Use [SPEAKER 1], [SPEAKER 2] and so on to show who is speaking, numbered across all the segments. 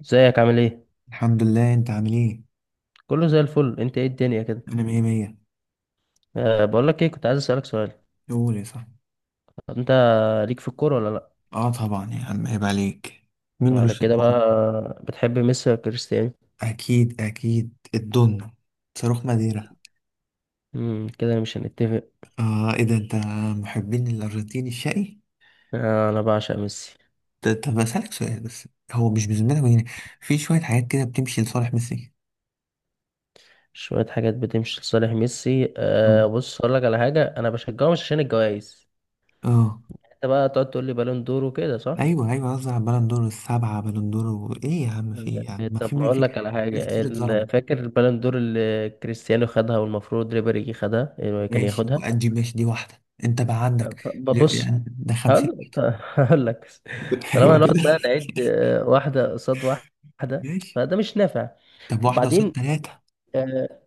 [SPEAKER 1] ازيك؟ عامل ايه؟
[SPEAKER 2] الحمد لله، انت عامل ايه؟
[SPEAKER 1] كله زي الفل. انت ايه الدنيا كده؟
[SPEAKER 2] انا مية مية.
[SPEAKER 1] أه، بقول لك ايه، كنت عايز اسالك سؤال.
[SPEAKER 2] قول يا صاحبي.
[SPEAKER 1] انت ليك في الكوره ولا لا؟
[SPEAKER 2] اه طبعا يا عم، عيب عليك. مين
[SPEAKER 1] على
[SPEAKER 2] ملوش في
[SPEAKER 1] كده
[SPEAKER 2] الكورة؟
[SPEAKER 1] بقى، بتحب ميسي ولا كريستيانو؟
[SPEAKER 2] اكيد اكيد. الدنيا صاروخ ماديرا.
[SPEAKER 1] كده مش هنتفق.
[SPEAKER 2] اه ايه ده انت؟ محبين الارجنتين الشقي.
[SPEAKER 1] آه، انا بعشق ميسي.
[SPEAKER 2] طب اسالك سؤال بس، هو مش بذمتك يعني في شوية حاجات كده بتمشي لصالح ميسي؟
[SPEAKER 1] شويه حاجات بتمشي لصالح ميسي.
[SPEAKER 2] اه.
[SPEAKER 1] أه، بص اقول لك على حاجه، انا بشجعه مش عشان الجوائز.
[SPEAKER 2] اه.
[SPEAKER 1] انت بقى تقعد تقول لي بالون دور وكده، صح؟
[SPEAKER 2] ايوه قصدي على البالون دور السبعة، بالون دور ايه يا عم؟ في
[SPEAKER 1] مم.
[SPEAKER 2] إيه يا عم؟ ما في
[SPEAKER 1] طب ما
[SPEAKER 2] ما في
[SPEAKER 1] اقول لك على
[SPEAKER 2] ناس
[SPEAKER 1] حاجه.
[SPEAKER 2] كتير اتظلمت.
[SPEAKER 1] فاكر البالون دور اللي كريستيانو خدها والمفروض ريبيري خدها، إيه، كان
[SPEAKER 2] ماشي،
[SPEAKER 1] ياخدها.
[SPEAKER 2] وادي ماشي، دي واحدة انت بقى عندك.
[SPEAKER 1] ببص.
[SPEAKER 2] يعني ده 50.
[SPEAKER 1] هقول هقول لك. طالما
[SPEAKER 2] ايوه
[SPEAKER 1] هنقعد
[SPEAKER 2] كده.
[SPEAKER 1] بقى نعيد، واحدة قصاد واحدة.
[SPEAKER 2] ماشي.
[SPEAKER 1] فده مش نافع.
[SPEAKER 2] طب واحدة قصاد
[SPEAKER 1] وبعدين،
[SPEAKER 2] تلاتة.
[SPEAKER 1] آه،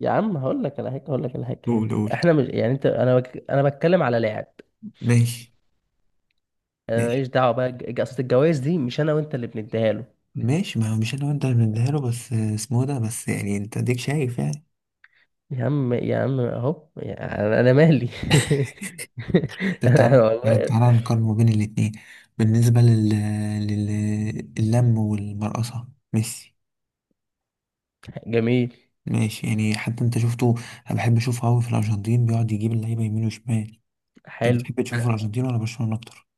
[SPEAKER 1] يا عم، هقول لك على حاجة، هقول لك على حاجة.
[SPEAKER 2] قول قول.
[SPEAKER 1] احنا مش، يعني انت، انا بك... انا بتكلم على لاعب.
[SPEAKER 2] ماشي
[SPEAKER 1] انا
[SPEAKER 2] ماشي.
[SPEAKER 1] ماليش دعوة بقى. اصل الجوائز دي مش انا وانت اللي بنديها له.
[SPEAKER 2] ماشي، ما هو مش انا وانت اللي بنديها له، بس اسمه ده، بس يعني انت ديك شايف يعني.
[SPEAKER 1] يا عم، يا عم، اهو يعني. انا مالي.
[SPEAKER 2] طب تعالى،
[SPEAKER 1] أنا والله.
[SPEAKER 2] تعالى نقارن ما بين الاتنين. بالنسبة لل... لل... اللم والمرقصة ميسي.
[SPEAKER 1] جميل.
[SPEAKER 2] ماشي يعني، حتى انت شفته. انا بحب اشوفه قوي في الارجنتين، بيقعد يجيب اللعيبة يمين وشمال. انت
[SPEAKER 1] حلو.
[SPEAKER 2] بتحب تشوفه في الارجنتين ولا برشلونة اكتر؟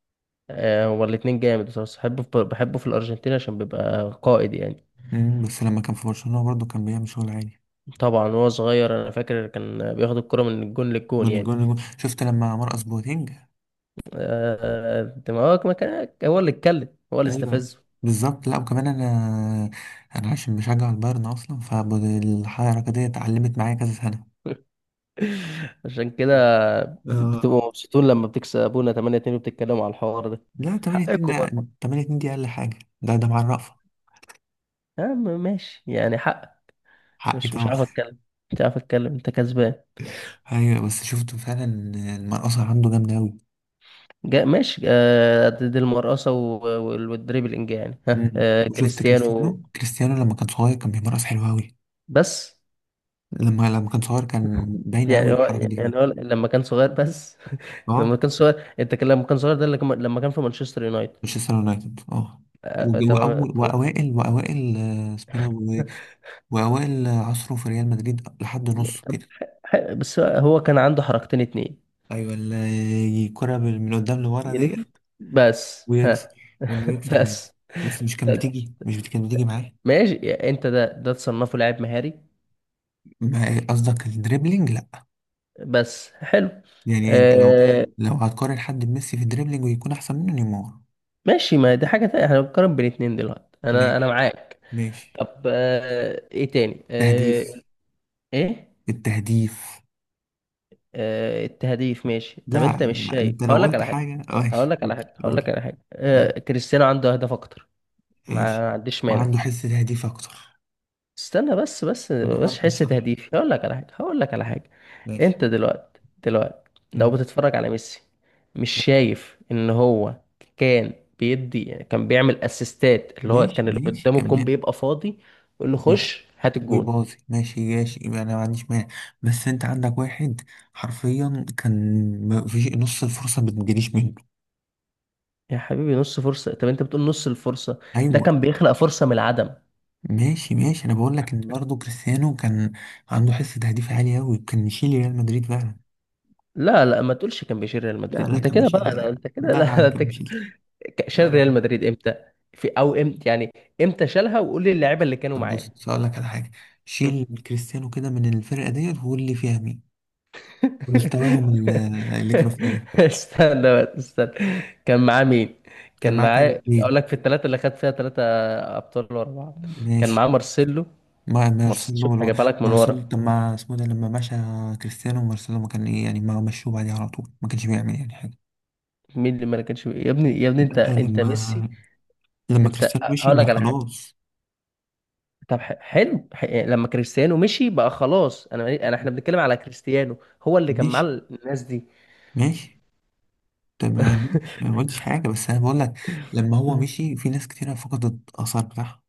[SPEAKER 1] آه، هو الاتنين جامد بصراحة. بحبه في الأرجنتين عشان بيبقى قائد يعني.
[SPEAKER 2] امم، بس لما كان في برشلونة برضه كان بيعمل شغل عالي.
[SPEAKER 1] طبعا، وهو صغير انا فاكر كان بياخد الكرة من الجون للجون
[SPEAKER 2] من
[SPEAKER 1] يعني.
[SPEAKER 2] الجون للجون. شفت لما مرقص بوتينج؟
[SPEAKER 1] آه، ما هو، ما كان هو اللي اتكلم، هو اللي
[SPEAKER 2] ايوه،
[SPEAKER 1] استفزه.
[SPEAKER 2] بالظبط. لا وكمان انا، انا عشان بشجع البايرن اصلا، فالحركه دي اتعلمت معايا كذا سنه.
[SPEAKER 1] عشان كده.
[SPEAKER 2] اه.
[SPEAKER 1] بتبقوا مبسوطين لما بتكسبونا 8-2، وبتتكلموا على الحوار ده.
[SPEAKER 2] لا 8 2
[SPEAKER 1] حقكم
[SPEAKER 2] ده،
[SPEAKER 1] برضه.
[SPEAKER 2] 8 2 دي اقل حاجه، ده ده مع الرأفه.
[SPEAKER 1] يا عم، ماشي يعني، حق.
[SPEAKER 2] حقي
[SPEAKER 1] مش
[SPEAKER 2] طبعا.
[SPEAKER 1] عارف اتكلم. مش عارف اتكلم، انت كسبان.
[SPEAKER 2] ايوه، بس شفت فعلا المرقصه عنده جامده قوي.
[SPEAKER 1] ماشي، آه، قد دي المرقصة والدريبلينج يعني. ها آه،
[SPEAKER 2] وشفت
[SPEAKER 1] كريستيانو.
[SPEAKER 2] كريستيانو، كريستيانو لما كان صغير كان بيمرقص حلو قوي.
[SPEAKER 1] بس
[SPEAKER 2] لما كان صغير كان باينه قوي
[SPEAKER 1] يعني هو،
[SPEAKER 2] الحركه دي فيه.
[SPEAKER 1] لما كان صغير بس
[SPEAKER 2] اه
[SPEAKER 1] لما كان صغير، انت كان، لما كان صغير ده اللي لما كان في مانشستر يونايتد.
[SPEAKER 2] مانشستر يونايتد اه.
[SPEAKER 1] آه، آه، تمام.
[SPEAKER 2] واول، واوائل اسمه ده، وأوائل عصره في ريال مدريد لحد نصه
[SPEAKER 1] طب،
[SPEAKER 2] كده.
[SPEAKER 1] بس هو كان عنده حركتين اتنين.
[SPEAKER 2] أيوة، اللي الكرة من قدام لورا ديت،
[SPEAKER 1] يلف بس،
[SPEAKER 2] ويكسر، وإنه يكسر يمين.
[SPEAKER 1] بس.
[SPEAKER 2] بس مش كان بتيجي، مش بت- كانت بتيجي معاه.
[SPEAKER 1] ماشي يعني، انت ده تصنفه لاعب مهاري.
[SPEAKER 2] قصدك الدريبلينج؟ لأ
[SPEAKER 1] بس حلو.
[SPEAKER 2] يعني، أنت لو،
[SPEAKER 1] آه.
[SPEAKER 2] لو هتقارن حد بميسي في الدريبلينج ويكون أحسن منه، نيمار.
[SPEAKER 1] ماشي، ما دي حاجة تانية، احنا بنقارن بين اتنين دلوقتي، انا
[SPEAKER 2] ماشي
[SPEAKER 1] معاك.
[SPEAKER 2] ماشي.
[SPEAKER 1] طب، آه، ايه تاني، آه.
[SPEAKER 2] تهديف.
[SPEAKER 1] ايه؟
[SPEAKER 2] التهديف.
[SPEAKER 1] آه، التهديف، ماشي. طب
[SPEAKER 2] لا
[SPEAKER 1] انت مش
[SPEAKER 2] لا،
[SPEAKER 1] شايف،
[SPEAKER 2] أنت لو
[SPEAKER 1] هقول لك
[SPEAKER 2] قلت
[SPEAKER 1] على حاجه،
[SPEAKER 2] حاجة
[SPEAKER 1] هقول
[SPEAKER 2] ماشي،
[SPEAKER 1] لك على
[SPEAKER 2] قول
[SPEAKER 1] حاجه. هقول
[SPEAKER 2] قول.
[SPEAKER 1] لك على حاجه، كريستيانو عنده اهداف اكتر.
[SPEAKER 2] ماشي.
[SPEAKER 1] ما عنديش مانع.
[SPEAKER 2] وعنده حس تهديف أكتر
[SPEAKER 1] استنى. بس
[SPEAKER 2] وتمركز
[SPEAKER 1] حس
[SPEAKER 2] صح.
[SPEAKER 1] تهديف، هقول لك على حاجه، هقول لك على حاجه.
[SPEAKER 2] ماشي.
[SPEAKER 1] انت دلوقتي، لو
[SPEAKER 2] مم.
[SPEAKER 1] بتتفرج على ميسي، مش شايف ان هو كان بيدي يعني، كان بيعمل اسيستات، اللي هو
[SPEAKER 2] ماشي
[SPEAKER 1] كان اللي
[SPEAKER 2] ماشي
[SPEAKER 1] قدامه الجون
[SPEAKER 2] كمان.
[SPEAKER 1] بيبقى فاضي، يقول له
[SPEAKER 2] ماشي،
[SPEAKER 1] خش هات الجون.
[SPEAKER 2] ويباظي. ماشي ماشي، يبقى انا ما عنديش مانع. بس انت عندك واحد حرفيا، كان ما فيش نص الفرصه ما بتجيليش منه.
[SPEAKER 1] يا حبيبي، نص فرصة؟ طب انت بتقول نص الفرصة، ده
[SPEAKER 2] ايوه.
[SPEAKER 1] كان بيخلق فرصة من العدم.
[SPEAKER 2] ماشي ماشي، انا بقول لك ان برضه كريستيانو كان عنده حس تهديف عالي قوي، كان يشيل ريال مدريد فعلا.
[SPEAKER 1] لا، لا، ما تقولش كان بيشيل ريال
[SPEAKER 2] لا
[SPEAKER 1] مدريد.
[SPEAKER 2] لا،
[SPEAKER 1] انت
[SPEAKER 2] كان
[SPEAKER 1] كده
[SPEAKER 2] بيشيلها
[SPEAKER 1] بقى؟
[SPEAKER 2] يا
[SPEAKER 1] لا،
[SPEAKER 2] عم،
[SPEAKER 1] انت كده،
[SPEAKER 2] لا يا
[SPEAKER 1] لا
[SPEAKER 2] عم
[SPEAKER 1] انت
[SPEAKER 2] كان
[SPEAKER 1] كده.
[SPEAKER 2] بيشيلها.
[SPEAKER 1] شال
[SPEAKER 2] لا لا.
[SPEAKER 1] ريال مدريد امتى؟ في، او امتى يعني؟ امتى شالها وقول لي اللعيبه اللي كانوا
[SPEAKER 2] طب
[SPEAKER 1] معاه؟
[SPEAKER 2] بص هقول لك على حاجه، شيل كريستيانو كده من الفرقه ديت وقول لي فيها مين. مستواهم اللي كانوا فيه ده.
[SPEAKER 1] استنى بقى، استنى. كان معاه مين؟
[SPEAKER 2] كان
[SPEAKER 1] كان
[SPEAKER 2] معاك هاري
[SPEAKER 1] معاه، اقول
[SPEAKER 2] كين.
[SPEAKER 1] لك، في الثلاثه اللي خد فيها ثلاثه ابطال ورا بعض. كان
[SPEAKER 2] ماشي،
[SPEAKER 1] معاه مارسيلو.
[SPEAKER 2] ما
[SPEAKER 1] مارسيلو،
[SPEAKER 2] مارسيلو
[SPEAKER 1] شوف هجيبها لك من ورا.
[SPEAKER 2] مارسيلو. طب ما اسمه ده لما مشى كريستيانو، مارسيلو ما كان ايه يعني، ما مشوه بعديها على طول، ما كانش بيعمل يعني حاجة.
[SPEAKER 1] مين اللي ما كانش يا ابني، يا ابني؟ انت،
[SPEAKER 2] لا
[SPEAKER 1] ميسي.
[SPEAKER 2] لما
[SPEAKER 1] انت.
[SPEAKER 2] كريستيانو مشي،
[SPEAKER 1] هقول
[SPEAKER 2] ما
[SPEAKER 1] لك على حاجه.
[SPEAKER 2] خلاص.
[SPEAKER 1] طب، حلو، لما كريستيانو مشي بقى خلاص، انا انا احنا بنتكلم على كريستيانو. هو اللي كان مع
[SPEAKER 2] ماشي
[SPEAKER 1] الناس دي.
[SPEAKER 2] ماشي. طب ما، أنا ما قلتش حاجة، بس أنا بقول لك، لما هو
[SPEAKER 1] مم.
[SPEAKER 2] مشي في ناس كتيرة فقدت الآثار بتاعها.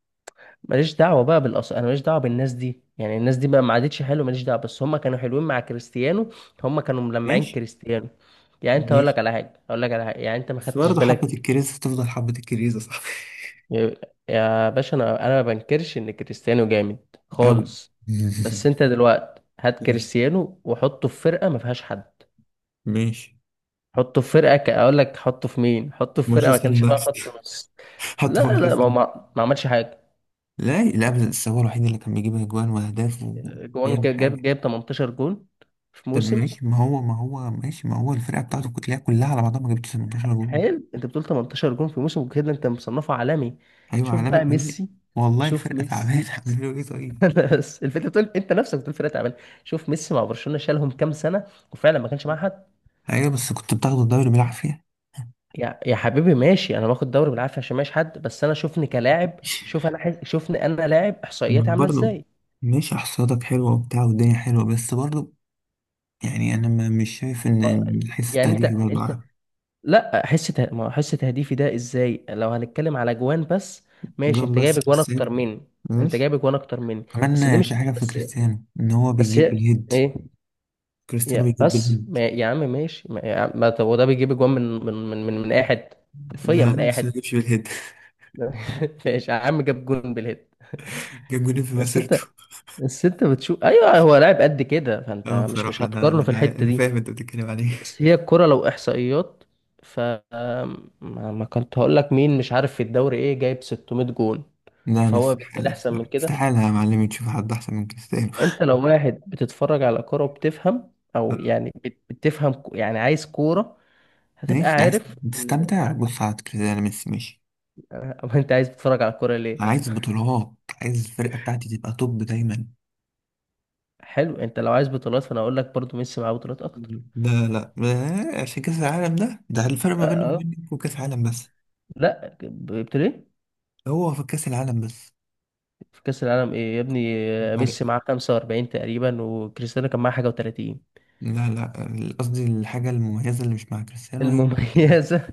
[SPEAKER 1] ماليش دعوه بقى بالأص... انا ماليش دعوه بالناس دي يعني، الناس دي بقى ما عادتش حلوه، ماليش دعوه، بس هم كانوا حلوين مع كريستيانو. هم كانوا ملمعين
[SPEAKER 2] ماشي
[SPEAKER 1] كريستيانو. يعني انت، اقول لك
[SPEAKER 2] ماشي،
[SPEAKER 1] على حاجه، اقول لك على حاجه، يعني انت ما
[SPEAKER 2] بس
[SPEAKER 1] خدتش
[SPEAKER 2] برضه حبة
[SPEAKER 1] بالك.
[SPEAKER 2] الكريزة تفضل حبة الكريزة، صح؟
[SPEAKER 1] يا يا باشا، انا ما بنكرش ان كريستيانو جامد.
[SPEAKER 2] أوي.
[SPEAKER 1] خالص. بس انت دلوقتي، هات
[SPEAKER 2] ماشي
[SPEAKER 1] كريستيانو وحطه في فرقه ما فيهاش حد.
[SPEAKER 2] ماشي.
[SPEAKER 1] حطه في فرقة ك... اقول لك، حطه في مين، حطه في فرقة ما
[SPEAKER 2] مانشستر
[SPEAKER 1] كانش فيها
[SPEAKER 2] يونايتد.
[SPEAKER 1] خط نص. لا،
[SPEAKER 2] حتى
[SPEAKER 1] لا،
[SPEAKER 2] مانشستر.
[SPEAKER 1] ما هو، ما عملش حاجة.
[SPEAKER 2] لا لا، بس هو الوحيد اللي كان بيجيب اجوان واهداف
[SPEAKER 1] جوان،
[SPEAKER 2] وبيعمل
[SPEAKER 1] جاب
[SPEAKER 2] حاجه.
[SPEAKER 1] جاب 18 جون في
[SPEAKER 2] طب
[SPEAKER 1] موسم.
[SPEAKER 2] ماشي، ما هو، ما هو ماشي، ما هو الفرقه بتاعته كلها، كلها على بعضها ما جابتش 18 جول.
[SPEAKER 1] حلو، انت بتقول 18 جون في موسم كده؟ انت مصنفه عالمي.
[SPEAKER 2] ايوه
[SPEAKER 1] شوف بقى
[SPEAKER 2] عالمي.
[SPEAKER 1] ميسي.
[SPEAKER 2] والله
[SPEAKER 1] شوف
[SPEAKER 2] الفرقه تعبانه،
[SPEAKER 1] ميسي.
[SPEAKER 2] عملوا له ايه طيب؟
[SPEAKER 1] بس الفكره بتقول، انت نفسك بتقول فرقه تعبانه. شوف ميسي مع برشلونه، شالهم كام سنه، وفعلا ما كانش معاه حد.
[SPEAKER 2] ايوه بس كنت بتاخد الدوري بالعافيه.
[SPEAKER 1] يا حبيبي، ماشي، انا باخد دوري بالعافيه عشان ماشي حد، بس انا شوفني كلاعب، شوف انا حز... شوفني انا لاعب،
[SPEAKER 2] إنه
[SPEAKER 1] احصائياتي عامله
[SPEAKER 2] برضه،
[SPEAKER 1] ازاي.
[SPEAKER 2] ماشي احصادك حلوه وبتاع والدنيا حلوه، بس برضه يعني انا مش شايف ان
[SPEAKER 1] ما-
[SPEAKER 2] الحس
[SPEAKER 1] يعني انت
[SPEAKER 2] التهديفي برضه،
[SPEAKER 1] انت
[SPEAKER 2] عارف.
[SPEAKER 1] لا حس ته... ما حس تهديفي ده ازاي، لو هنتكلم على جوان بس. ماشي،
[SPEAKER 2] جون
[SPEAKER 1] انت
[SPEAKER 2] بس
[SPEAKER 1] جايب جوان
[SPEAKER 2] كريستيانو.
[SPEAKER 1] اكتر مني. انت
[SPEAKER 2] ماشي.
[SPEAKER 1] جايب جوان اكتر مني. بس دي
[SPEAKER 2] كمان في
[SPEAKER 1] مش
[SPEAKER 2] حاجه في
[SPEAKER 1] بس.
[SPEAKER 2] كريستيانو، ان هو
[SPEAKER 1] بس
[SPEAKER 2] بيجيب
[SPEAKER 1] هي.
[SPEAKER 2] بالهيد.
[SPEAKER 1] ايه؟
[SPEAKER 2] كريستيانو
[SPEAKER 1] يا،
[SPEAKER 2] بيجيب
[SPEAKER 1] بس
[SPEAKER 2] بالهيد.
[SPEAKER 1] ما... يا عم ماشي ما... يا عم... ما... طب وده بيجيب جوان، من اي حد. حرفيا
[SPEAKER 2] لا
[SPEAKER 1] من
[SPEAKER 2] لا،
[SPEAKER 1] اي
[SPEAKER 2] بس
[SPEAKER 1] حد.
[SPEAKER 2] ما جابش بالهيد.
[SPEAKER 1] ماشي يا عم، جاب جون بالهيد.
[SPEAKER 2] جاب جولين في
[SPEAKER 1] بس
[SPEAKER 2] مسيرته.
[SPEAKER 1] انت. بس انت بتشوف، ايوه هو لاعب قد كده، فانت
[SPEAKER 2] اه
[SPEAKER 1] مش
[SPEAKER 2] بصراحة، أنا
[SPEAKER 1] هتقارنه في
[SPEAKER 2] أنا
[SPEAKER 1] الحتة
[SPEAKER 2] أنا
[SPEAKER 1] دي.
[SPEAKER 2] فاهم أنت بتتكلم عليه.
[SPEAKER 1] بس هي الكرة لو إحصائيات. ف، ما... ما كنت هقول لك مين مش عارف في الدوري إيه، جايب 600 جون.
[SPEAKER 2] لا، أنا
[SPEAKER 1] فهو بالتالي
[SPEAKER 2] استحالة
[SPEAKER 1] أحسن من
[SPEAKER 2] استحالة
[SPEAKER 1] كده.
[SPEAKER 2] استحالة يا معلمي تشوف حد أحسن من كريستيانو.
[SPEAKER 1] أنت لو واحد بتتفرج على كرة وبتفهم، أو يعني بتفهم، يعني عايز كورة، هتبقى
[SPEAKER 2] ماشي، ده عايز
[SPEAKER 1] عارف إن ده...
[SPEAKER 2] تستمتع، بص على كريستيانو، ميسي ماشي.
[SPEAKER 1] أو أنت عايز تتفرج على الكورة ليه؟
[SPEAKER 2] أنا عايز بطولات، عايز الفرقة بتاعتي تبقى توب دايما.
[SPEAKER 1] حلو، أنت لو عايز بطولات فأنا أقول لك برضو ميسي معاه بطولات أكتر.
[SPEAKER 2] لا لا عشان كأس العالم، ده ده الفرق ما بيني
[SPEAKER 1] أه.
[SPEAKER 2] وبينك، وكأس العالم بس.
[SPEAKER 1] لا، جبت ليه؟
[SPEAKER 2] هو في كأس العالم بس؟
[SPEAKER 1] في كأس العالم إيه يا ابني؟
[SPEAKER 2] فرق.
[SPEAKER 1] ميسي معاه 45 تقريبا، وكريستيانو كان معاه حاجة و30.
[SPEAKER 2] لا لا، قصدي الحاجة المميزة اللي مش مع كريستيانو.
[SPEAKER 1] المميزة.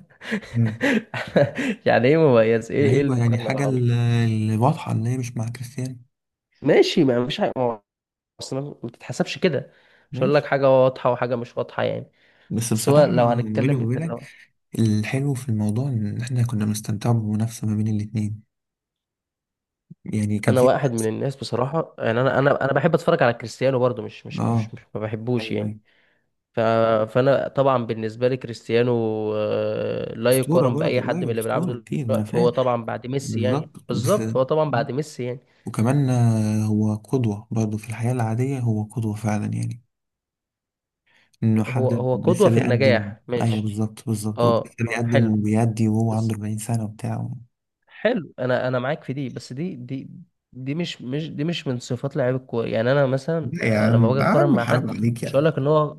[SPEAKER 2] هي.
[SPEAKER 1] يعني ايه مميز؟ ايه
[SPEAKER 2] ايوه يعني
[SPEAKER 1] المقارنة
[SPEAKER 2] حاجه،
[SPEAKER 1] العبيطة دي؟
[SPEAKER 2] اللي واضحه ان هي مش مع كريستيانو.
[SPEAKER 1] ماشي، ما مفيش حاجة، ما هو اصلا ما بتتحسبش كده. مش هقول لك
[SPEAKER 2] ماشي
[SPEAKER 1] حاجة واضحة وحاجة مش واضحة يعني.
[SPEAKER 2] بس
[SPEAKER 1] بس هو
[SPEAKER 2] بصراحه،
[SPEAKER 1] لو
[SPEAKER 2] ما بيني
[SPEAKER 1] هنتكلم،
[SPEAKER 2] وما
[SPEAKER 1] انت
[SPEAKER 2] بينك،
[SPEAKER 1] لو...
[SPEAKER 2] الحلو في الموضوع ان احنا كنا بنستمتع بمنافسه ما بين الاتنين. يعني كان
[SPEAKER 1] انا
[SPEAKER 2] في
[SPEAKER 1] واحد من
[SPEAKER 2] منافسه.
[SPEAKER 1] الناس بصراحة يعني، انا بحب اتفرج على كريستيانو برضو، مش مش
[SPEAKER 2] اه
[SPEAKER 1] مش, مش ما بحبوش
[SPEAKER 2] ايوه
[SPEAKER 1] يعني.
[SPEAKER 2] ايوه.
[SPEAKER 1] ف... فانا طبعا بالنسبة لي كريستيانو، لا
[SPEAKER 2] اسطوره
[SPEAKER 1] يقارن بأي
[SPEAKER 2] برضه،
[SPEAKER 1] حد من
[SPEAKER 2] ايوه
[SPEAKER 1] اللي بيلعبوا
[SPEAKER 2] اسطوره كتير، ما انا
[SPEAKER 1] دلوقتي.
[SPEAKER 2] فاهم.
[SPEAKER 1] هو طبعا بعد ميسي يعني.
[SPEAKER 2] بالظبط بس.
[SPEAKER 1] بالظبط، هو طبعا بعد ميسي يعني.
[SPEAKER 2] وكمان آه، هو قدوه برضه في الحياه العاديه، هو قدوه فعلا يعني، انه
[SPEAKER 1] هو
[SPEAKER 2] حد
[SPEAKER 1] هو قدوة
[SPEAKER 2] لسه
[SPEAKER 1] في
[SPEAKER 2] بيقدم.
[SPEAKER 1] النجاح
[SPEAKER 2] ايوه
[SPEAKER 1] ماشي.
[SPEAKER 2] بالظبط بالظبط، ولسه
[SPEAKER 1] اه، آه،
[SPEAKER 2] بيقدم
[SPEAKER 1] حلو.
[SPEAKER 2] وبيأدي، وهو عنده
[SPEAKER 1] بس،
[SPEAKER 2] 40 سنه وبتاع.
[SPEAKER 1] حلو. انا معاك في دي، بس دي، دي دي مش مش دي مش من صفات لعيب الكوره يعني، انا مثلا
[SPEAKER 2] لا يا
[SPEAKER 1] لما
[SPEAKER 2] عم،
[SPEAKER 1] باجي
[SPEAKER 2] يا
[SPEAKER 1] اقارن
[SPEAKER 2] عم
[SPEAKER 1] مع
[SPEAKER 2] حرام
[SPEAKER 1] حد،
[SPEAKER 2] عليك
[SPEAKER 1] مش هقول
[SPEAKER 2] يا.
[SPEAKER 1] لك ان هو...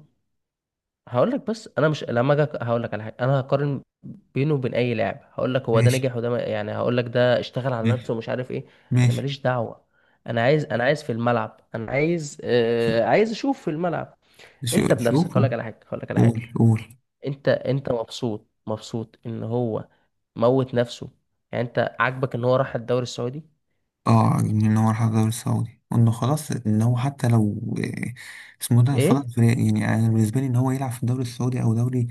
[SPEAKER 1] هقول لك، بس انا مش لما اجي هقول لك على حاجه، انا هقارن بينه وبين اي لاعب هقول لك هو ده
[SPEAKER 2] ماشي
[SPEAKER 1] نجح وده يعني هقول لك ده اشتغل على
[SPEAKER 2] ماشي
[SPEAKER 1] نفسه ومش عارف ايه. انا
[SPEAKER 2] ماشي.
[SPEAKER 1] ماليش دعوه. انا عايز في الملعب، انا عايز آه عايز اشوف في الملعب. انت بنفسك، هقول
[SPEAKER 2] شوفوا.
[SPEAKER 1] لك على حاجه، هقول لك على حاجه.
[SPEAKER 2] قول قول.
[SPEAKER 1] انت مبسوط ان هو موت نفسه. يعني انت عاجبك ان هو راح الدوري السعودي؟
[SPEAKER 2] اه ان هو راح الدوري السعودي، وانه خلاص ان هو حتى لو آه، اسمه ده
[SPEAKER 1] ايه؟
[SPEAKER 2] فضل في. يعني انا بالنسبه لي ان هو يلعب في الدوري السعودي او دوري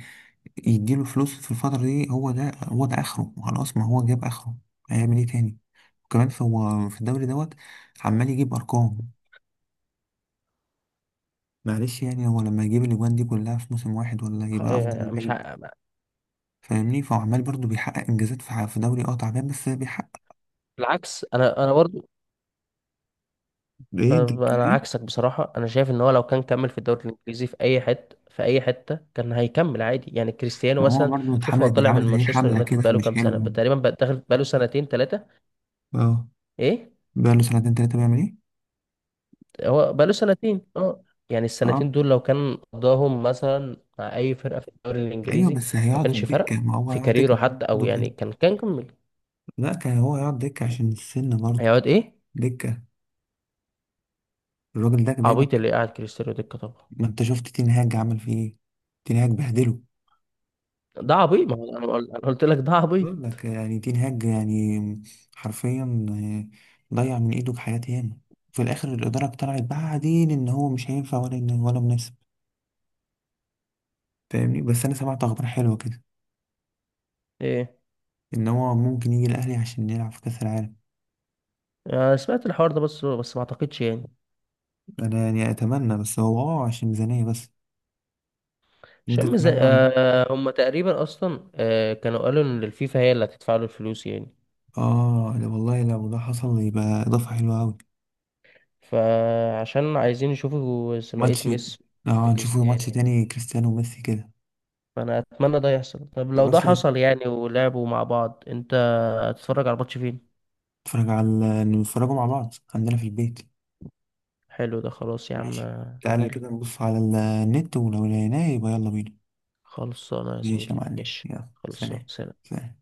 [SPEAKER 2] يديله فلوس في الفتره دي، هو ده هو ده اخره خلاص، ما هو جاب اخره، هيعمل ايه تاني؟ وكمان فهو في الدوري دوت عمال يجيب ارقام. معلش يعني، هو لما يجيب الاجوان دي كلها في موسم واحد، ولا يبقى افضل
[SPEAKER 1] يعني مش
[SPEAKER 2] لعيب؟
[SPEAKER 1] ع...
[SPEAKER 2] فاهمني؟ فهو عمال برضه بيحقق انجازات في دوري اه تعبان، بس بيحقق.
[SPEAKER 1] بالعكس، انا برضو.
[SPEAKER 2] ايه انت بتقول
[SPEAKER 1] انا
[SPEAKER 2] ايه؟
[SPEAKER 1] عكسك بصراحه، انا شايف ان هو لو كان كمل في الدوري الانجليزي في اي حته، في اي حته كان هيكمل عادي يعني كريستيانو
[SPEAKER 2] ما هو
[SPEAKER 1] مثلا.
[SPEAKER 2] برضه
[SPEAKER 1] شوف، هو
[SPEAKER 2] اتحملت،
[SPEAKER 1] طلع من
[SPEAKER 2] اتعملت عليه
[SPEAKER 1] مانشستر
[SPEAKER 2] حملة
[SPEAKER 1] يونايتد
[SPEAKER 2] كده
[SPEAKER 1] بقاله
[SPEAKER 2] مش
[SPEAKER 1] كام سنه
[SPEAKER 2] حلوة.
[SPEAKER 1] تقريبا، داخل بقاله سنتين ثلاثه.
[SPEAKER 2] اه.
[SPEAKER 1] ايه؟
[SPEAKER 2] بقاله سنتين تلاتة بيعمل ايه؟
[SPEAKER 1] هو بقاله سنتين، اه. يعني
[SPEAKER 2] اه
[SPEAKER 1] السنتين دول لو كان قضاهم مثلا مع اي فرقه في الدوري
[SPEAKER 2] ايوه،
[SPEAKER 1] الانجليزي،
[SPEAKER 2] بس
[SPEAKER 1] ما
[SPEAKER 2] هيقعد
[SPEAKER 1] كانش
[SPEAKER 2] دكة،
[SPEAKER 1] فرق
[SPEAKER 2] ما هو
[SPEAKER 1] في
[SPEAKER 2] هيقعد دكة.
[SPEAKER 1] كاريره حتى، او
[SPEAKER 2] برضه
[SPEAKER 1] يعني
[SPEAKER 2] كده.
[SPEAKER 1] كان كمل.
[SPEAKER 2] لا كان هو هيقعد دكة عشان السن برضه.
[SPEAKER 1] هيقعد ايه؟
[SPEAKER 2] دكة. الراجل ده دايما.
[SPEAKER 1] عبيط اللي قاعد كريستيانو دكة طبعا.
[SPEAKER 2] ما انت شفت تين هاج عمل فيه ايه؟ تين هاج بهدله.
[SPEAKER 1] ده عبيط، ما هو انا أنا قلت لك ده عبيط.
[SPEAKER 2] بقول لك يعني تين هاج يعني، حرفيا، آه، ضيع من ايده حياة ياما، في الاخر الاداره طلعت بعدين ان هو مش هينفع ولا إن، ولا مناسب. فاهمني؟ بس انا سمعت اخبار حلوه كده،
[SPEAKER 1] ايه؟
[SPEAKER 2] ان هو ممكن يجي الاهلي عشان يلعب في كاس العالم.
[SPEAKER 1] انا سمعت الحوار ده، بس ما اعتقدش يعني.
[SPEAKER 2] انا يعني اتمنى، بس هو اه عشان ميزانية بس. انت
[SPEAKER 1] زي،
[SPEAKER 2] تتمنى.
[SPEAKER 1] هم تقريبا اصلا، كانوا قالوا ان الفيفا هي اللي هتدفع له الفلوس يعني.
[SPEAKER 2] اه، لا والله لو ده حصل يبقى اضافة حلوة اوي.
[SPEAKER 1] فعشان عايزين يشوفوا ثنائية
[SPEAKER 2] ماتش.
[SPEAKER 1] ميسي
[SPEAKER 2] اه نشوفه
[SPEAKER 1] كريستيانو
[SPEAKER 2] ماتش
[SPEAKER 1] يعني.
[SPEAKER 2] تاني كريستيانو وميسي كده.
[SPEAKER 1] فانا اتمنى ده يحصل. طب لو ده
[SPEAKER 2] خلاص.
[SPEAKER 1] حصل يعني ولعبوا مع بعض، انت هتتفرج على الماتش فين؟
[SPEAKER 2] نتفرج على، نتفرجوا مع بعض عندنا في البيت.
[SPEAKER 1] حلو، ده خلاص يا عم.
[SPEAKER 2] ماشي، تعالى
[SPEAKER 1] هجيلك.
[SPEAKER 2] كده نبص على النت، ولو لقيناه يبقى يلا بينا.
[SPEAKER 1] خلصانه يا
[SPEAKER 2] ماشي يا
[SPEAKER 1] زميلي،
[SPEAKER 2] معلم،
[SPEAKER 1] ماشي.
[SPEAKER 2] يلا
[SPEAKER 1] خلصانه،
[SPEAKER 2] سلام.
[SPEAKER 1] سلام.
[SPEAKER 2] سلام.